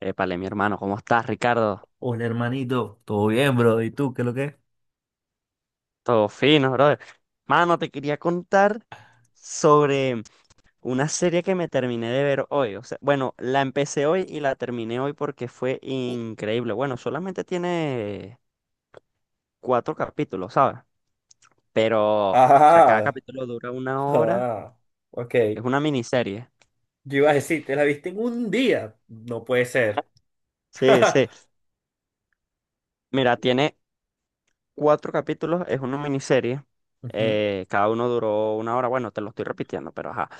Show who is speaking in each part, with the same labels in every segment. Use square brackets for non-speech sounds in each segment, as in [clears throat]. Speaker 1: Épale, mi hermano, ¿cómo estás, Ricardo?
Speaker 2: Hola hermanito, ¿todo bien, bro? ¿Y tú qué es lo que es?
Speaker 1: Todo fino, brother. Mano, te quería contar sobre una serie que me terminé de ver hoy. O sea, bueno, la empecé hoy y la terminé hoy porque fue increíble. Bueno, solamente tiene cuatro capítulos, ¿sabes? Pero, o sea, cada
Speaker 2: Ah,
Speaker 1: capítulo dura una hora.
Speaker 2: ah, ok.
Speaker 1: Es una miniserie.
Speaker 2: Yo iba a decir, ¿te la viste en un día? No puede ser.
Speaker 1: Sí,
Speaker 2: [laughs]
Speaker 1: sí. Mira, tiene cuatro capítulos, es una miniserie.
Speaker 2: Ujú.
Speaker 1: Cada uno duró una hora. Bueno, te lo estoy repitiendo, pero ajá.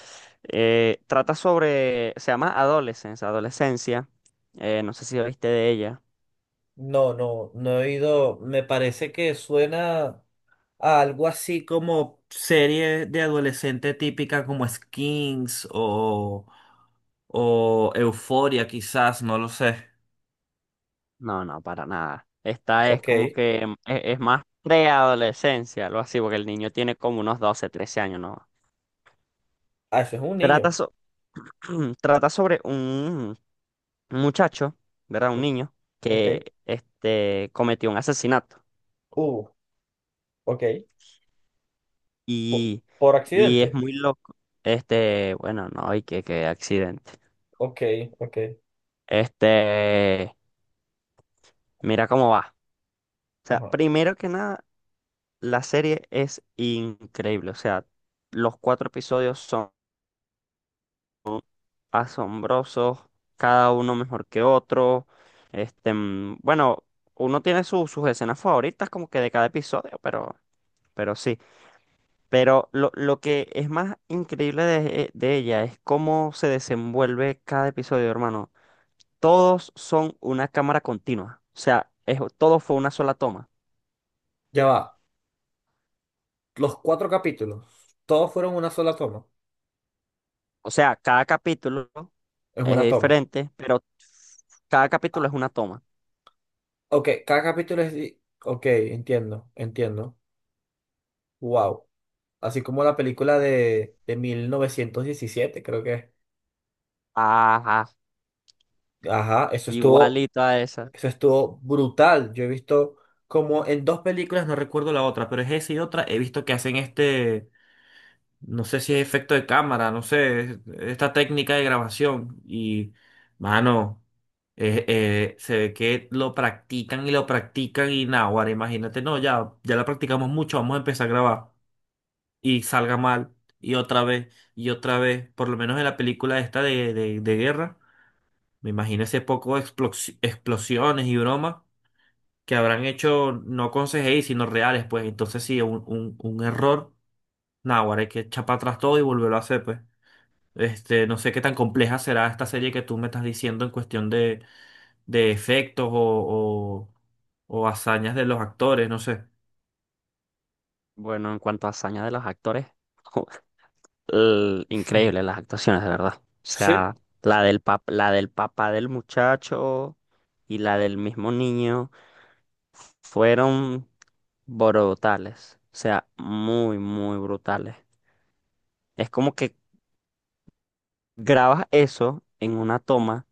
Speaker 1: Trata sobre, se llama Adolescence, Adolescencia. No sé si oíste de ella.
Speaker 2: No, no, no he oído. Me parece que suena a algo así como serie de adolescente típica como Skins o Euforia, quizás, no lo sé.
Speaker 1: No, no, para nada. Esta es como
Speaker 2: Ok.
Speaker 1: que es más preadolescencia, algo así, porque el niño tiene como unos 12 13 años, ¿no?
Speaker 2: Ah, eso es un
Speaker 1: Trata,
Speaker 2: niño.
Speaker 1: so- [clears throat] Trata sobre un, muchacho, ¿verdad? Un niño que
Speaker 2: Ok.
Speaker 1: cometió un asesinato.
Speaker 2: Uh, ok. Po-
Speaker 1: Y,
Speaker 2: por
Speaker 1: y
Speaker 2: accidente.
Speaker 1: es muy loco. Bueno, no, y que accidente.
Speaker 2: Ok, ok.
Speaker 1: Este, Mira cómo va. O sea,
Speaker 2: Ajá.
Speaker 1: primero que nada, la serie es increíble. O sea, los cuatro episodios son asombrosos, cada uno mejor que otro. Bueno, uno tiene sus escenas favoritas como que de cada episodio, pero, sí. Pero lo que es más increíble de ella es cómo se desenvuelve cada episodio, hermano. Todos son una cámara continua. O sea, todo fue una sola toma.
Speaker 2: Ya va. Los cuatro capítulos, todos fueron una sola toma.
Speaker 1: O sea, cada capítulo
Speaker 2: Es
Speaker 1: es
Speaker 2: una toma.
Speaker 1: diferente, pero cada capítulo
Speaker 2: Ah,
Speaker 1: es una toma.
Speaker 2: ok, cada capítulo es, ok, entiendo, entiendo. Wow. Así como la película de 1917, creo que es.
Speaker 1: Ajá,
Speaker 2: Ajá, eso estuvo,
Speaker 1: igualito a esa.
Speaker 2: eso estuvo brutal. Yo he visto como en dos películas, no recuerdo la otra, pero es esa y otra, he visto que hacen. No sé si es efecto de cámara, no sé, esta técnica de grabación. Y, mano, se ve que lo practican y nada, ahora imagínate, no, ya, ya la practicamos mucho, vamos a empezar a grabar y salga mal y otra vez, por lo menos en la película esta de guerra, me imagino ese poco de explosiones y bromas que habrán hecho no con CGI, sino reales, pues entonces sí, un error, nada, ahora hay que echar para atrás todo y volverlo a hacer, pues. No sé qué tan compleja será esta serie que tú me estás diciendo en cuestión de efectos o hazañas de los actores, no sé.
Speaker 1: Bueno, en cuanto a hazaña de los actores, [laughs] increíble las actuaciones, de verdad. O
Speaker 2: Sí.
Speaker 1: sea, la del papá del muchacho y la del mismo niño. Fueron brutales, o sea, muy, muy brutales. Es como que grabas eso en una toma,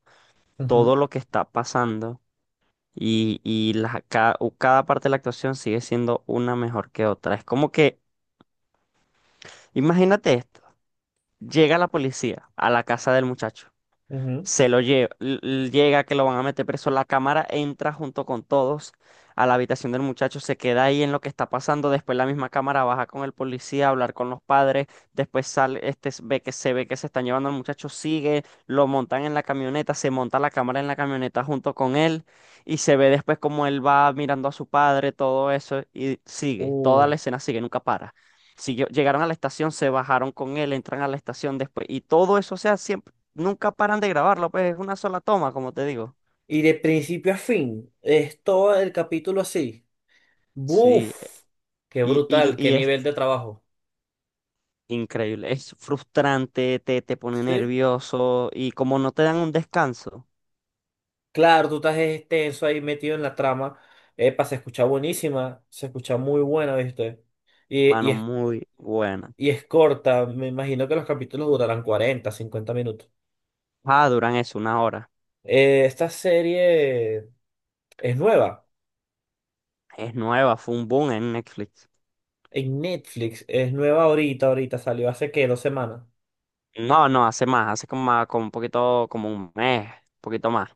Speaker 2: Ujú,
Speaker 1: todo lo que está pasando y cada parte de la actuación sigue siendo una mejor que otra. Es como que, imagínate esto, llega la policía a la casa del muchacho.
Speaker 2: ujú.
Speaker 1: Se lo lleva, llega que lo van a meter preso. La cámara entra junto con todos a la habitación del muchacho, se queda ahí en lo que está pasando. Después la misma cámara baja con el policía a hablar con los padres. Después sale, este s- ve que se están llevando al muchacho, sigue, lo montan en la camioneta, se monta la cámara en la camioneta junto con él y se ve después como él va mirando a su padre, todo eso y sigue. Toda
Speaker 2: Uh,
Speaker 1: la escena sigue, nunca para. Llegaron a la estación, se bajaron con él, entran a la estación después y todo eso, o sea, siempre nunca paran de grabarlo, pues es una sola toma, como te digo.
Speaker 2: y de principio a fin, es todo el capítulo así.
Speaker 1: Sí,
Speaker 2: ¡Buf! ¡Qué
Speaker 1: y, y,
Speaker 2: brutal! ¡Qué
Speaker 1: y es
Speaker 2: nivel de trabajo!
Speaker 1: increíble, es frustrante, te pone
Speaker 2: Sí.
Speaker 1: nervioso y como no te dan un descanso,
Speaker 2: Claro, tú estás extenso ahí metido en la trama. Epa, se escucha buenísima, se escucha muy buena, ¿viste? Y, y
Speaker 1: hermano, muy buena.
Speaker 2: Y es corta, me imagino que los capítulos durarán 40 50 minutos.
Speaker 1: Ah, duran eso, una hora.
Speaker 2: Esta serie es nueva
Speaker 1: Es nueva, fue un boom en Netflix.
Speaker 2: en Netflix, es nueva ahorita, ahorita salió hace qué, 2 semanas.
Speaker 1: No, no, hace más, hace como, como un poquito, como un mes, un poquito más.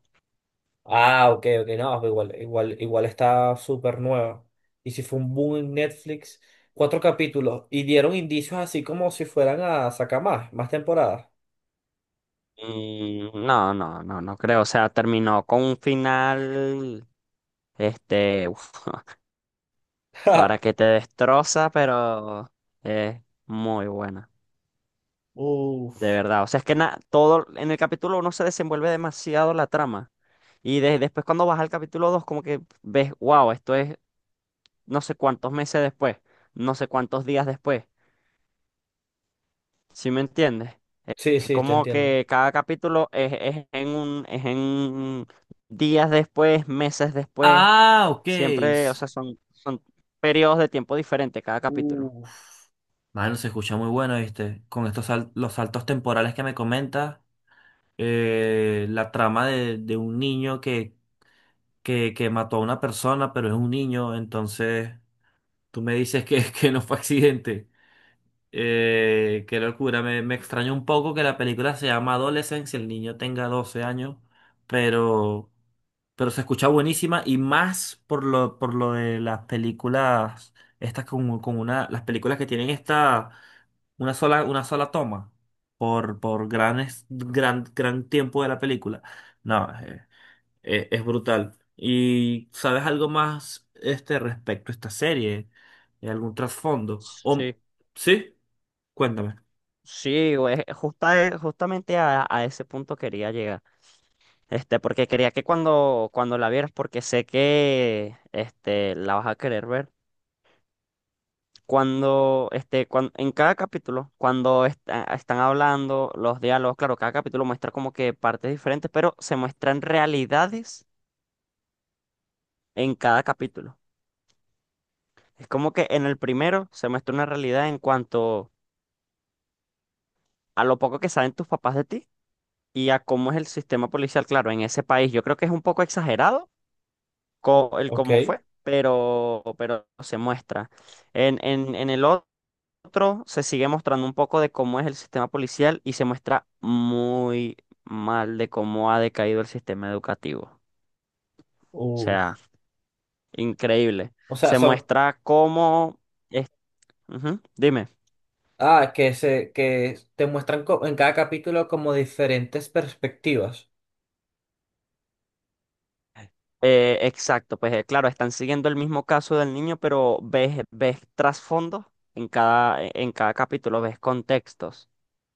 Speaker 2: Ah, ok, ok, no, pero igual, igual, igual está súper nueva. Y si fue un boom en Netflix, cuatro capítulos y dieron indicios así como si fueran a sacar más temporadas.
Speaker 1: Y no, no, no, no creo, o sea, terminó con un final, uf,
Speaker 2: [laughs]
Speaker 1: para
Speaker 2: Ja.
Speaker 1: que te destroza, pero es muy buena, de
Speaker 2: Uf.
Speaker 1: verdad. O sea, es que todo en el capítulo 1 se desenvuelve demasiado la trama. Y después cuando vas al capítulo 2 como que ves, wow, esto es no sé cuántos meses después, no sé cuántos días después. ¿Sí me entiendes?
Speaker 2: Sí,
Speaker 1: Es
Speaker 2: sí, te
Speaker 1: como
Speaker 2: entiendo.
Speaker 1: que cada capítulo es, es en días después, meses después.
Speaker 2: Ah, ok.
Speaker 1: Siempre, o sea, son, periodos de tiempo diferentes cada capítulo.
Speaker 2: Uf. Mano, se escucha muy bueno, ¿viste? Con estos los saltos temporales que me comentas, la trama de un niño que mató a una persona, pero es un niño, entonces tú me dices que, [laughs] que no fue accidente. Qué locura, me extrañó un poco que la película se llama Adolescence y el niño tenga 12 años, pero, pero se escucha buenísima y más por lo de las películas, estas con una, las películas que tienen esta, una sola toma por gran, gran tiempo de la película. No, es brutal. ¿Y sabes algo más respecto a esta serie? ¿Algún trasfondo? ¿O,
Speaker 1: Sí.
Speaker 2: sí? Cuéntame.
Speaker 1: Sí, güey, justamente a ese punto quería llegar. Porque quería que cuando la vieras, porque sé que la vas a querer ver. En cada capítulo, cuando están hablando los diálogos, claro, cada capítulo muestra como que partes diferentes, pero se muestran realidades en cada capítulo. Es como que en el primero se muestra una realidad en cuanto a lo poco que saben tus papás de ti y a cómo es el sistema policial, claro, en ese país. Yo creo que es un poco exagerado el
Speaker 2: Ok.
Speaker 1: cómo fue, pero se muestra. En el otro se sigue mostrando un poco de cómo es el sistema policial y se muestra muy mal de cómo ha decaído el sistema educativo. O sea,
Speaker 2: Uf.
Speaker 1: increíble.
Speaker 2: O sea,
Speaker 1: Se
Speaker 2: son.
Speaker 1: muestra cómo... es- Ujú. Dime.
Speaker 2: Ah, que te muestran en cada capítulo como diferentes perspectivas.
Speaker 1: Exacto, pues claro, están siguiendo el mismo caso del niño, pero ves trasfondo en cada capítulo, ves contextos.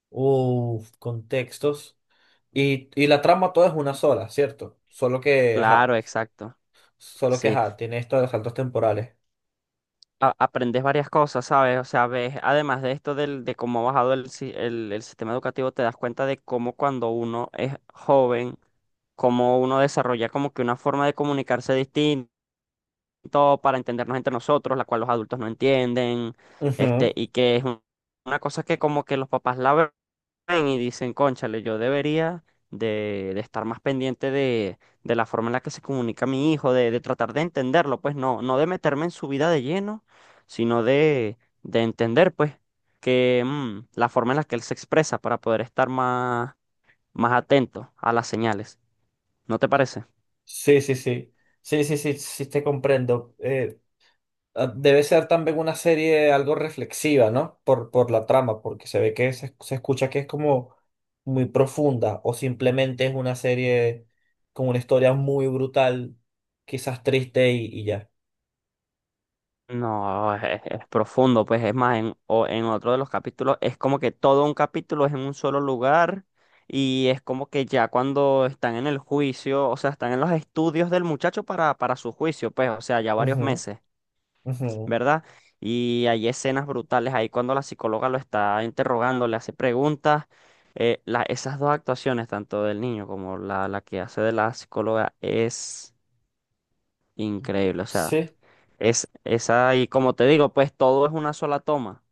Speaker 2: Uf, contextos. Y la trama toda es una sola, ¿cierto? Solo que, ajá.
Speaker 1: Claro, exacto.
Speaker 2: Solo que,
Speaker 1: Sí.
Speaker 2: ajá, tiene esto de los saltos temporales.
Speaker 1: Aprendes varias cosas, ¿sabes? O sea, ves, además de esto de cómo ha bajado el, si- el sistema educativo, te das cuenta de cómo cuando uno es joven, cómo uno desarrolla como que una forma de comunicarse distinto para entendernos entre nosotros, la cual los adultos no entienden,
Speaker 2: Ujú.
Speaker 1: y que es una cosa que como que los papás la ven y dicen, cónchale, yo debería de estar más pendiente de la forma en la que se comunica mi hijo, de tratar de entenderlo, pues no, no de meterme en su vida de lleno, sino de entender, pues, que la forma en la que él se expresa para poder estar más, más atento a las señales. ¿No te parece?
Speaker 2: Sí, sí, sí. Sí, sí, sí, sí, te comprendo. Ah, debe ser también una serie algo reflexiva, ¿no? Por la trama, porque se ve que se escucha que es como muy profunda o simplemente es una serie con una historia muy brutal, quizás triste y ya.
Speaker 1: No, es profundo, pues es más, en otro de los capítulos es como que todo un capítulo es en un solo lugar y es como que ya cuando están en el juicio, o sea, están en los estudios del muchacho para su juicio, pues, o sea, ya varios
Speaker 2: Ujú,
Speaker 1: meses,
Speaker 2: ujú.
Speaker 1: ¿verdad? Y hay escenas brutales ahí cuando la psicóloga lo está interrogando, le hace preguntas. Esas dos actuaciones, tanto del niño como la que hace de la psicóloga, es increíble, o sea.
Speaker 2: Sí.
Speaker 1: Es esa, y como te digo, pues todo es una sola toma.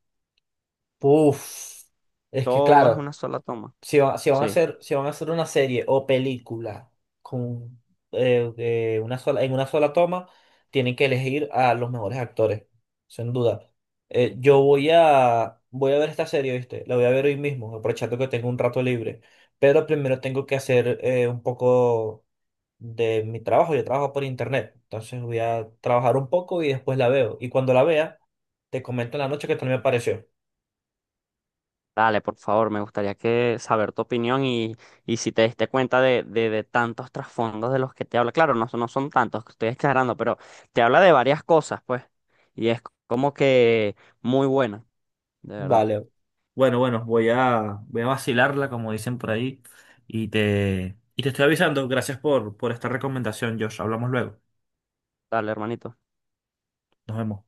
Speaker 2: Uf. Es que
Speaker 1: Todo es
Speaker 2: claro.
Speaker 1: una sola toma. Sí.
Speaker 2: Si van a hacer una serie o película con, de una sola, en una sola toma, tienen que elegir a los mejores actores, sin duda. Yo voy a ver esta serie, ¿viste? La voy a ver hoy mismo, aprovechando que tengo un rato libre. Pero primero tengo que hacer un poco de mi trabajo. Yo trabajo por internet, entonces voy a trabajar un poco y después la veo. Y cuando la vea, te comento en la noche qué tal me pareció.
Speaker 1: Dale, por favor, me gustaría que saber tu opinión y si te diste cuenta de tantos trasfondos de los que te habla. Claro, no, no son tantos, que estoy exagerando, pero te habla de varias cosas, pues. Y es como que muy buena, de verdad.
Speaker 2: Vale, bueno, bueno, voy a vacilarla, como dicen por ahí, y te estoy avisando. Gracias por esta recomendación, Josh. Hablamos luego.
Speaker 1: Dale, hermanito.
Speaker 2: Nos vemos.